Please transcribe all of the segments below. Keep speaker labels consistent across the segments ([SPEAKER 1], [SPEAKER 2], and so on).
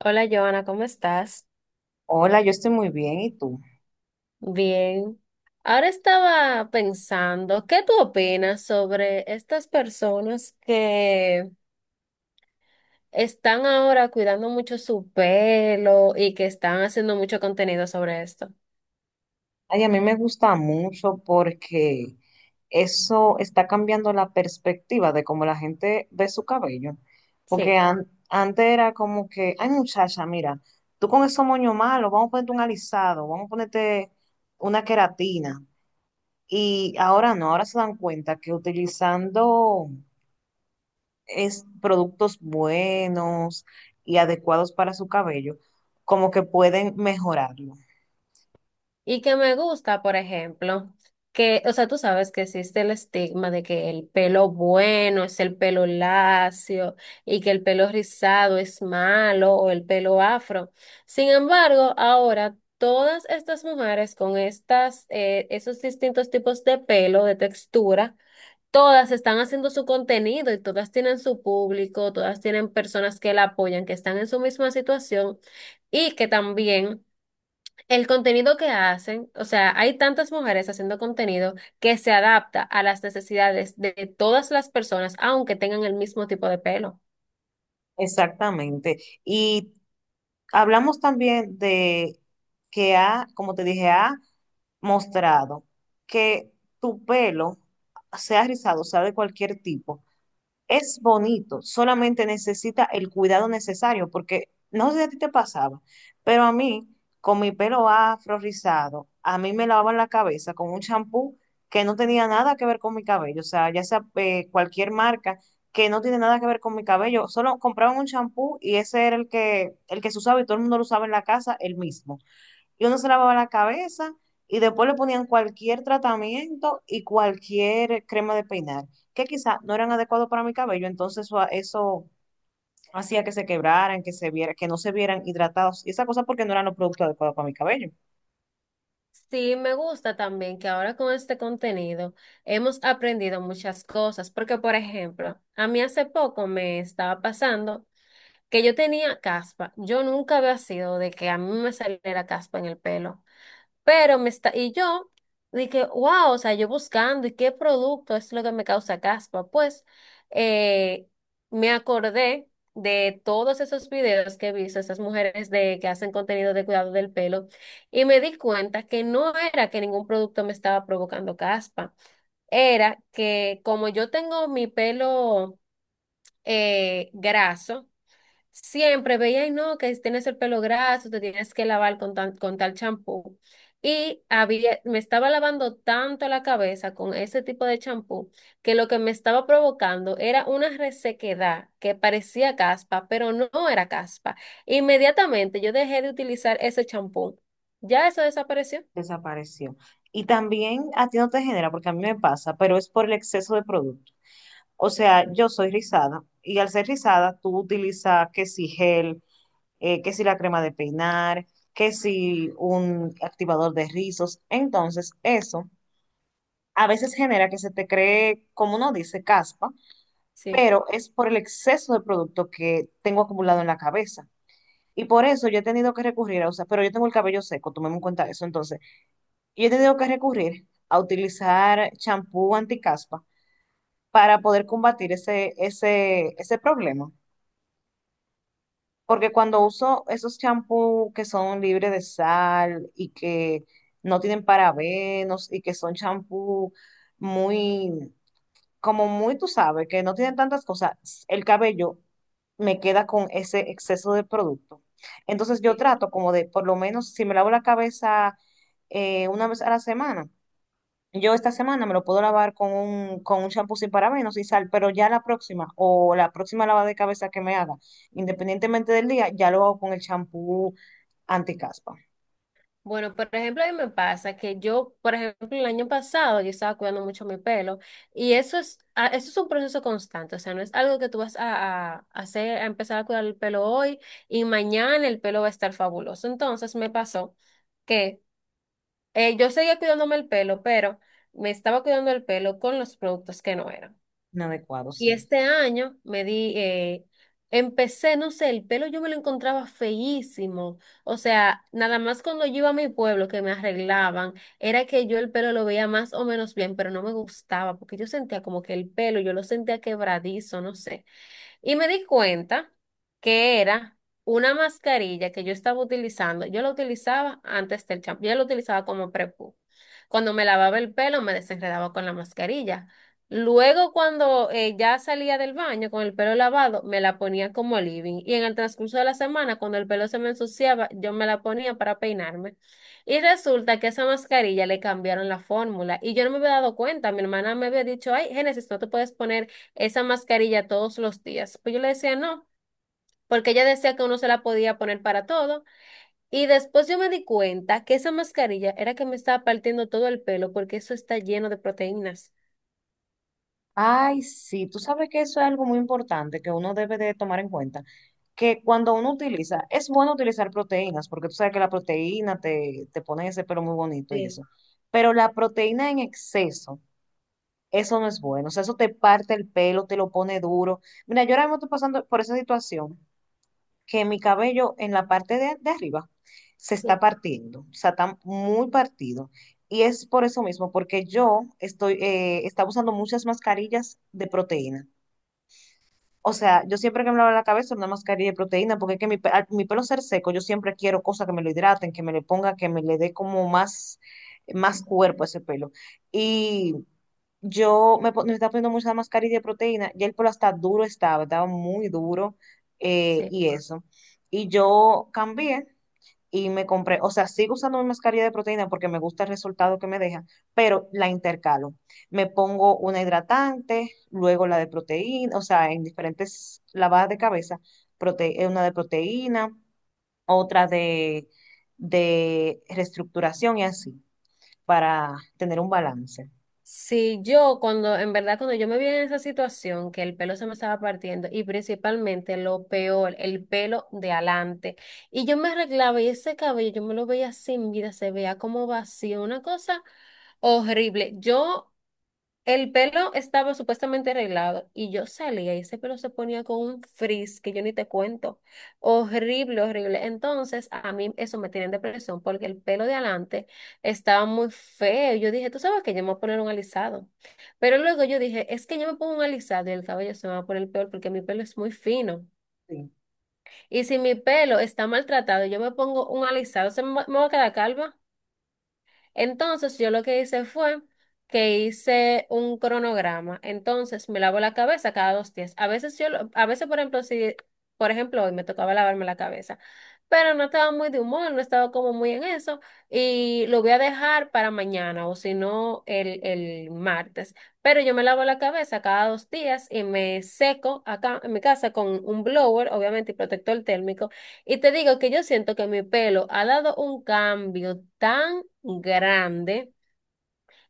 [SPEAKER 1] Hola Joana, ¿cómo estás?
[SPEAKER 2] Hola, yo estoy muy bien, ¿y tú?
[SPEAKER 1] Bien. Ahora estaba pensando, ¿qué tú opinas sobre estas personas que están ahora cuidando mucho su pelo y que están haciendo mucho contenido sobre esto?
[SPEAKER 2] Ay, a mí me gusta mucho porque eso está cambiando la perspectiva de cómo la gente ve su cabello. Porque
[SPEAKER 1] Sí.
[SPEAKER 2] antes era como que, ay muchacha, mira, tú con esos moños malos, vamos a ponerte un alisado, vamos a ponerte una queratina. Y ahora no, ahora se dan cuenta que utilizando productos buenos y adecuados para su cabello, como que pueden mejorarlo.
[SPEAKER 1] Y que me gusta, por ejemplo, que, o sea, tú sabes que existe el estigma de que el pelo bueno es el pelo lacio y que el pelo rizado es malo o el pelo afro. Sin embargo, ahora todas estas mujeres con estas, esos distintos tipos de pelo, de textura, todas están haciendo su contenido y todas tienen su público, todas tienen personas que la apoyan, que están en su misma situación y que también... El contenido que hacen, o sea, hay tantas mujeres haciendo contenido que se adapta a las necesidades de todas las personas, aunque tengan el mismo tipo de pelo.
[SPEAKER 2] Exactamente. Y hablamos también de que ha, como te dije, ha mostrado que tu pelo, sea rizado, sea de cualquier tipo, es bonito, solamente necesita el cuidado necesario, porque no sé si a ti te pasaba, pero a mí, con mi pelo afro rizado, a mí me lavaban la cabeza con un champú que no tenía nada que ver con mi cabello, o sea, ya sea cualquier marca que no tiene nada que ver con mi cabello, solo compraban un champú y ese era el que se usaba y todo el mundo lo usaba en la casa, el mismo, y uno se lavaba la cabeza y después le ponían cualquier tratamiento y cualquier crema de peinar, que quizá no eran adecuados para mi cabello, entonces eso hacía que se quebraran, que se viera, que no se vieran hidratados y esa cosa porque no eran los productos adecuados para mi cabello.
[SPEAKER 1] Sí, me gusta también que ahora con este contenido hemos aprendido muchas cosas, porque por ejemplo, a mí hace poco me estaba pasando que yo tenía caspa. Yo nunca había sido de que a mí me saliera caspa en el pelo. Pero me está, y yo dije, wow, o sea, yo buscando y qué producto es lo que me causa caspa. Pues eh, me acordé de todos esos videos que he visto, esas mujeres de, que hacen contenido de cuidado del pelo, y me di cuenta que no era que ningún producto me estaba provocando caspa, era que como yo tengo mi pelo graso, siempre veía, y no, que tienes el pelo graso, te tienes que lavar con, con tal champú. Y había, me estaba lavando tanto la cabeza con ese tipo de champú que lo que me estaba provocando era una resequedad que parecía caspa, pero no era caspa. Inmediatamente yo dejé de utilizar ese champú. ¿Ya eso desapareció?
[SPEAKER 2] Desapareció. Y también a ti no te genera, porque a mí me pasa, pero es por el exceso de producto. O sea, yo soy rizada y al ser rizada, tú utilizas que si gel, que si la crema de peinar, que si un activador de rizos. Entonces, eso a veces genera que se te cree, como uno dice, caspa,
[SPEAKER 1] Sí.
[SPEAKER 2] pero es por el exceso de producto que tengo acumulado en la cabeza. Y por eso yo he tenido que recurrir a usar, pero yo tengo el cabello seco, tomemos en cuenta eso. Entonces, yo he tenido que recurrir a utilizar champú anticaspa para poder combatir ese problema. Porque cuando uso esos champús que son libres de sal y que no tienen parabenos y que son champús muy, como muy, tú sabes, que no tienen tantas cosas, el cabello me queda con ese exceso de producto. Entonces yo trato como de, por lo menos, si me lavo la cabeza una vez a la semana, yo esta semana me lo puedo lavar con con un champú sin parabenos y sal, pero ya la próxima o la próxima lavada de cabeza que me haga, independientemente del día, ya lo hago con el champú anticaspa.
[SPEAKER 1] Bueno, por ejemplo, a mí me pasa que yo, por ejemplo, el año pasado yo estaba cuidando mucho mi pelo y eso es, eso es un proceso constante, o sea, no es algo que tú vas a hacer, a empezar a cuidar el pelo hoy y mañana el pelo va a estar fabuloso. Entonces me pasó que yo seguía cuidándome el pelo, pero me estaba cuidando el pelo con los productos que no eran.
[SPEAKER 2] Inadecuado,
[SPEAKER 1] Y
[SPEAKER 2] sí.
[SPEAKER 1] este año empecé, no sé, el pelo yo me lo encontraba feísimo. O sea, nada más cuando yo iba a mi pueblo que me arreglaban, era que yo el pelo lo veía más o menos bien, pero no me gustaba porque yo sentía como que el pelo, yo lo sentía quebradizo, no sé. Y me di cuenta que era una mascarilla que yo estaba utilizando. Yo la utilizaba antes del champú. Yo la utilizaba como prepu. Cuando me lavaba el pelo, me desenredaba con la mascarilla. Luego, cuando ya salía del baño con el pelo lavado, me la ponía como living. Y en el transcurso de la semana, cuando el pelo se me ensuciaba, yo me la ponía para peinarme. Y resulta que esa mascarilla le cambiaron la fórmula. Y yo no me había dado cuenta. Mi hermana me había dicho, ay, Génesis, no te puedes poner esa mascarilla todos los días. Pues yo le decía no, porque ella decía que uno se la podía poner para todo. Y después yo me di cuenta que esa mascarilla era que me estaba partiendo todo el pelo, porque eso está lleno de proteínas.
[SPEAKER 2] Ay, sí, tú sabes que eso es algo muy importante que uno debe de tomar en cuenta, que cuando uno utiliza, es bueno utilizar proteínas, porque tú sabes que la proteína te pone ese pelo muy bonito y eso,
[SPEAKER 1] Sí,
[SPEAKER 2] pero la proteína en exceso. Eso no es bueno. O sea, eso te parte el pelo, te lo pone duro. Mira, yo ahora mismo estoy pasando por esa situación que mi cabello en la parte de arriba se está
[SPEAKER 1] sí.
[SPEAKER 2] partiendo. O sea, está muy partido. Y es por eso mismo, porque yo estoy, estaba usando muchas mascarillas de proteína. O sea, yo siempre que me lavo la cabeza una mascarilla de proteína, porque es que mi pelo ser seco, yo siempre quiero cosas que me lo hidraten, que me le ponga, que me le dé como más, más cuerpo a ese pelo. Y me estaba poniendo mucha mascarilla de proteína, ya el pelo hasta duro estaba muy duro
[SPEAKER 1] Sí.
[SPEAKER 2] y eso. Y yo cambié y me compré, o sea, sigo usando mi mascarilla de proteína porque me gusta el resultado que me deja, pero la intercalo. Me pongo una hidratante, luego la de proteína, o sea, en diferentes lavadas de cabeza, una de proteína, otra de reestructuración y así, para tener un balance.
[SPEAKER 1] Sí, yo cuando, en verdad, cuando yo me vi en esa situación, que el pelo se me estaba partiendo y principalmente lo peor, el pelo de adelante, y yo me arreglaba y ese cabello yo me lo veía sin vida, se veía como vacío, una cosa horrible. Yo El pelo estaba supuestamente arreglado y yo salía y ese pelo se ponía con un frizz que yo ni te cuento. Horrible, horrible. Entonces, a mí eso me tiene en depresión porque el pelo de adelante estaba muy feo. Yo dije, tú sabes que yo me voy a poner un alisado. Pero luego yo dije, es que yo me pongo un alisado y el cabello se me va a poner peor porque mi pelo es muy fino.
[SPEAKER 2] Sí.
[SPEAKER 1] Y si mi pelo está maltratado, y yo me pongo un alisado, ¿se me va a quedar calva? Entonces yo lo que hice fue que hice un cronograma. Entonces me lavo la cabeza cada 2 días. A veces por ejemplo, si, por ejemplo, hoy me tocaba lavarme la cabeza, pero no estaba muy de humor, no estaba como muy en eso y lo voy a dejar para mañana o si no el martes. Pero yo me lavo la cabeza cada dos días y me seco acá en mi casa con un blower, obviamente, y protector térmico. Y te digo que yo siento que mi pelo ha dado un cambio tan grande.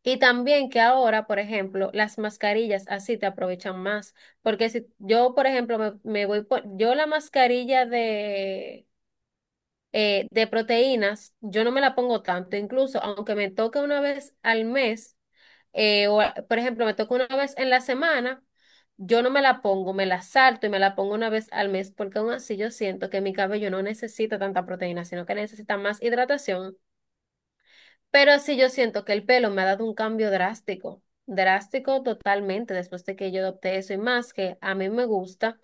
[SPEAKER 1] Y también que ahora, por ejemplo, las mascarillas así te aprovechan más. Porque si yo, por ejemplo, me voy por, yo la mascarilla de proteínas, yo no me la pongo tanto. Incluso, aunque me toque una vez al mes, por ejemplo, me toque una vez en la semana, yo no me la pongo, me la salto y me la pongo una vez al mes, porque aún así yo siento que mi cabello no necesita tanta proteína, sino que necesita más hidratación. Pero sí yo siento que el pelo me ha dado un cambio drástico, drástico totalmente después de que yo adopté eso y más que a mí me gusta.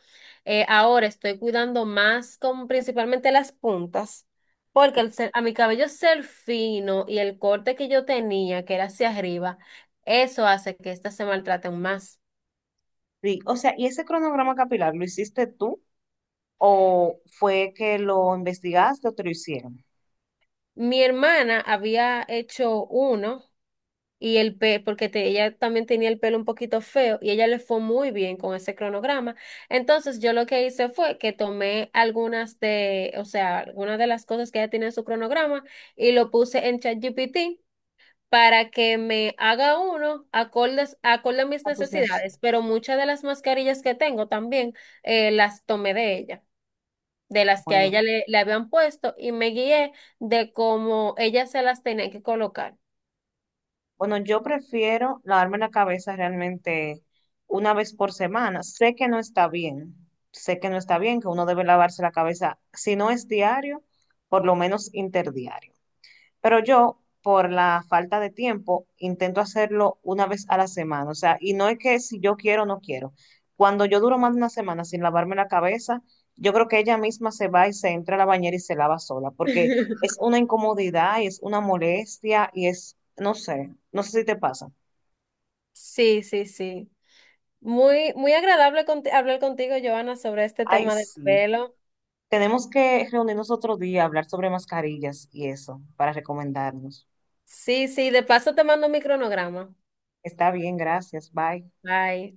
[SPEAKER 1] Ahora estoy cuidando más con principalmente las puntas, porque a mi cabello ser fino y el corte que yo tenía, que era hacia arriba, eso hace que estas se maltraten más.
[SPEAKER 2] Sí, o sea, ¿y ese cronograma capilar lo hiciste tú o fue que lo investigaste o te lo hicieron?
[SPEAKER 1] Mi hermana había hecho uno. Y el pe porque te- ella también tenía el pelo un poquito feo y ella le fue muy bien con ese cronograma. Entonces yo lo que hice fue que tomé algunas de, o sea, algunas de las cosas que ella tiene en su cronograma y lo puse en ChatGPT para que me haga uno acordes, acorde a mis
[SPEAKER 2] A tus
[SPEAKER 1] necesidades, pero
[SPEAKER 2] necesidades.
[SPEAKER 1] muchas de las mascarillas que tengo también las tomé de ella, de las que a
[SPEAKER 2] Bueno,
[SPEAKER 1] ella le habían puesto y me guié de cómo ella se las tenía que colocar.
[SPEAKER 2] bueno, yo prefiero lavarme la cabeza realmente una vez por semana. Sé que no está bien, sé que no está bien, que uno debe lavarse la cabeza, si no es diario, por lo menos interdiario. Pero yo, por la falta de tiempo, intento hacerlo una vez a la semana. O sea, y no es que si yo quiero o no quiero. Cuando yo duro más de una semana sin lavarme la cabeza, yo creo que ella misma se va y se entra a la bañera y se lava sola, porque es una incomodidad y es una molestia y es, no sé, no sé si te pasa.
[SPEAKER 1] Sí, sí, sí. Muy, muy agradable hablar contigo, Joana, sobre este
[SPEAKER 2] Ay,
[SPEAKER 1] tema del
[SPEAKER 2] sí.
[SPEAKER 1] pelo.
[SPEAKER 2] Tenemos que reunirnos otro día, hablar sobre mascarillas y eso, para recomendarnos.
[SPEAKER 1] Sí, sí, de paso te mando mi cronograma.
[SPEAKER 2] Está bien, gracias, bye.
[SPEAKER 1] Bye.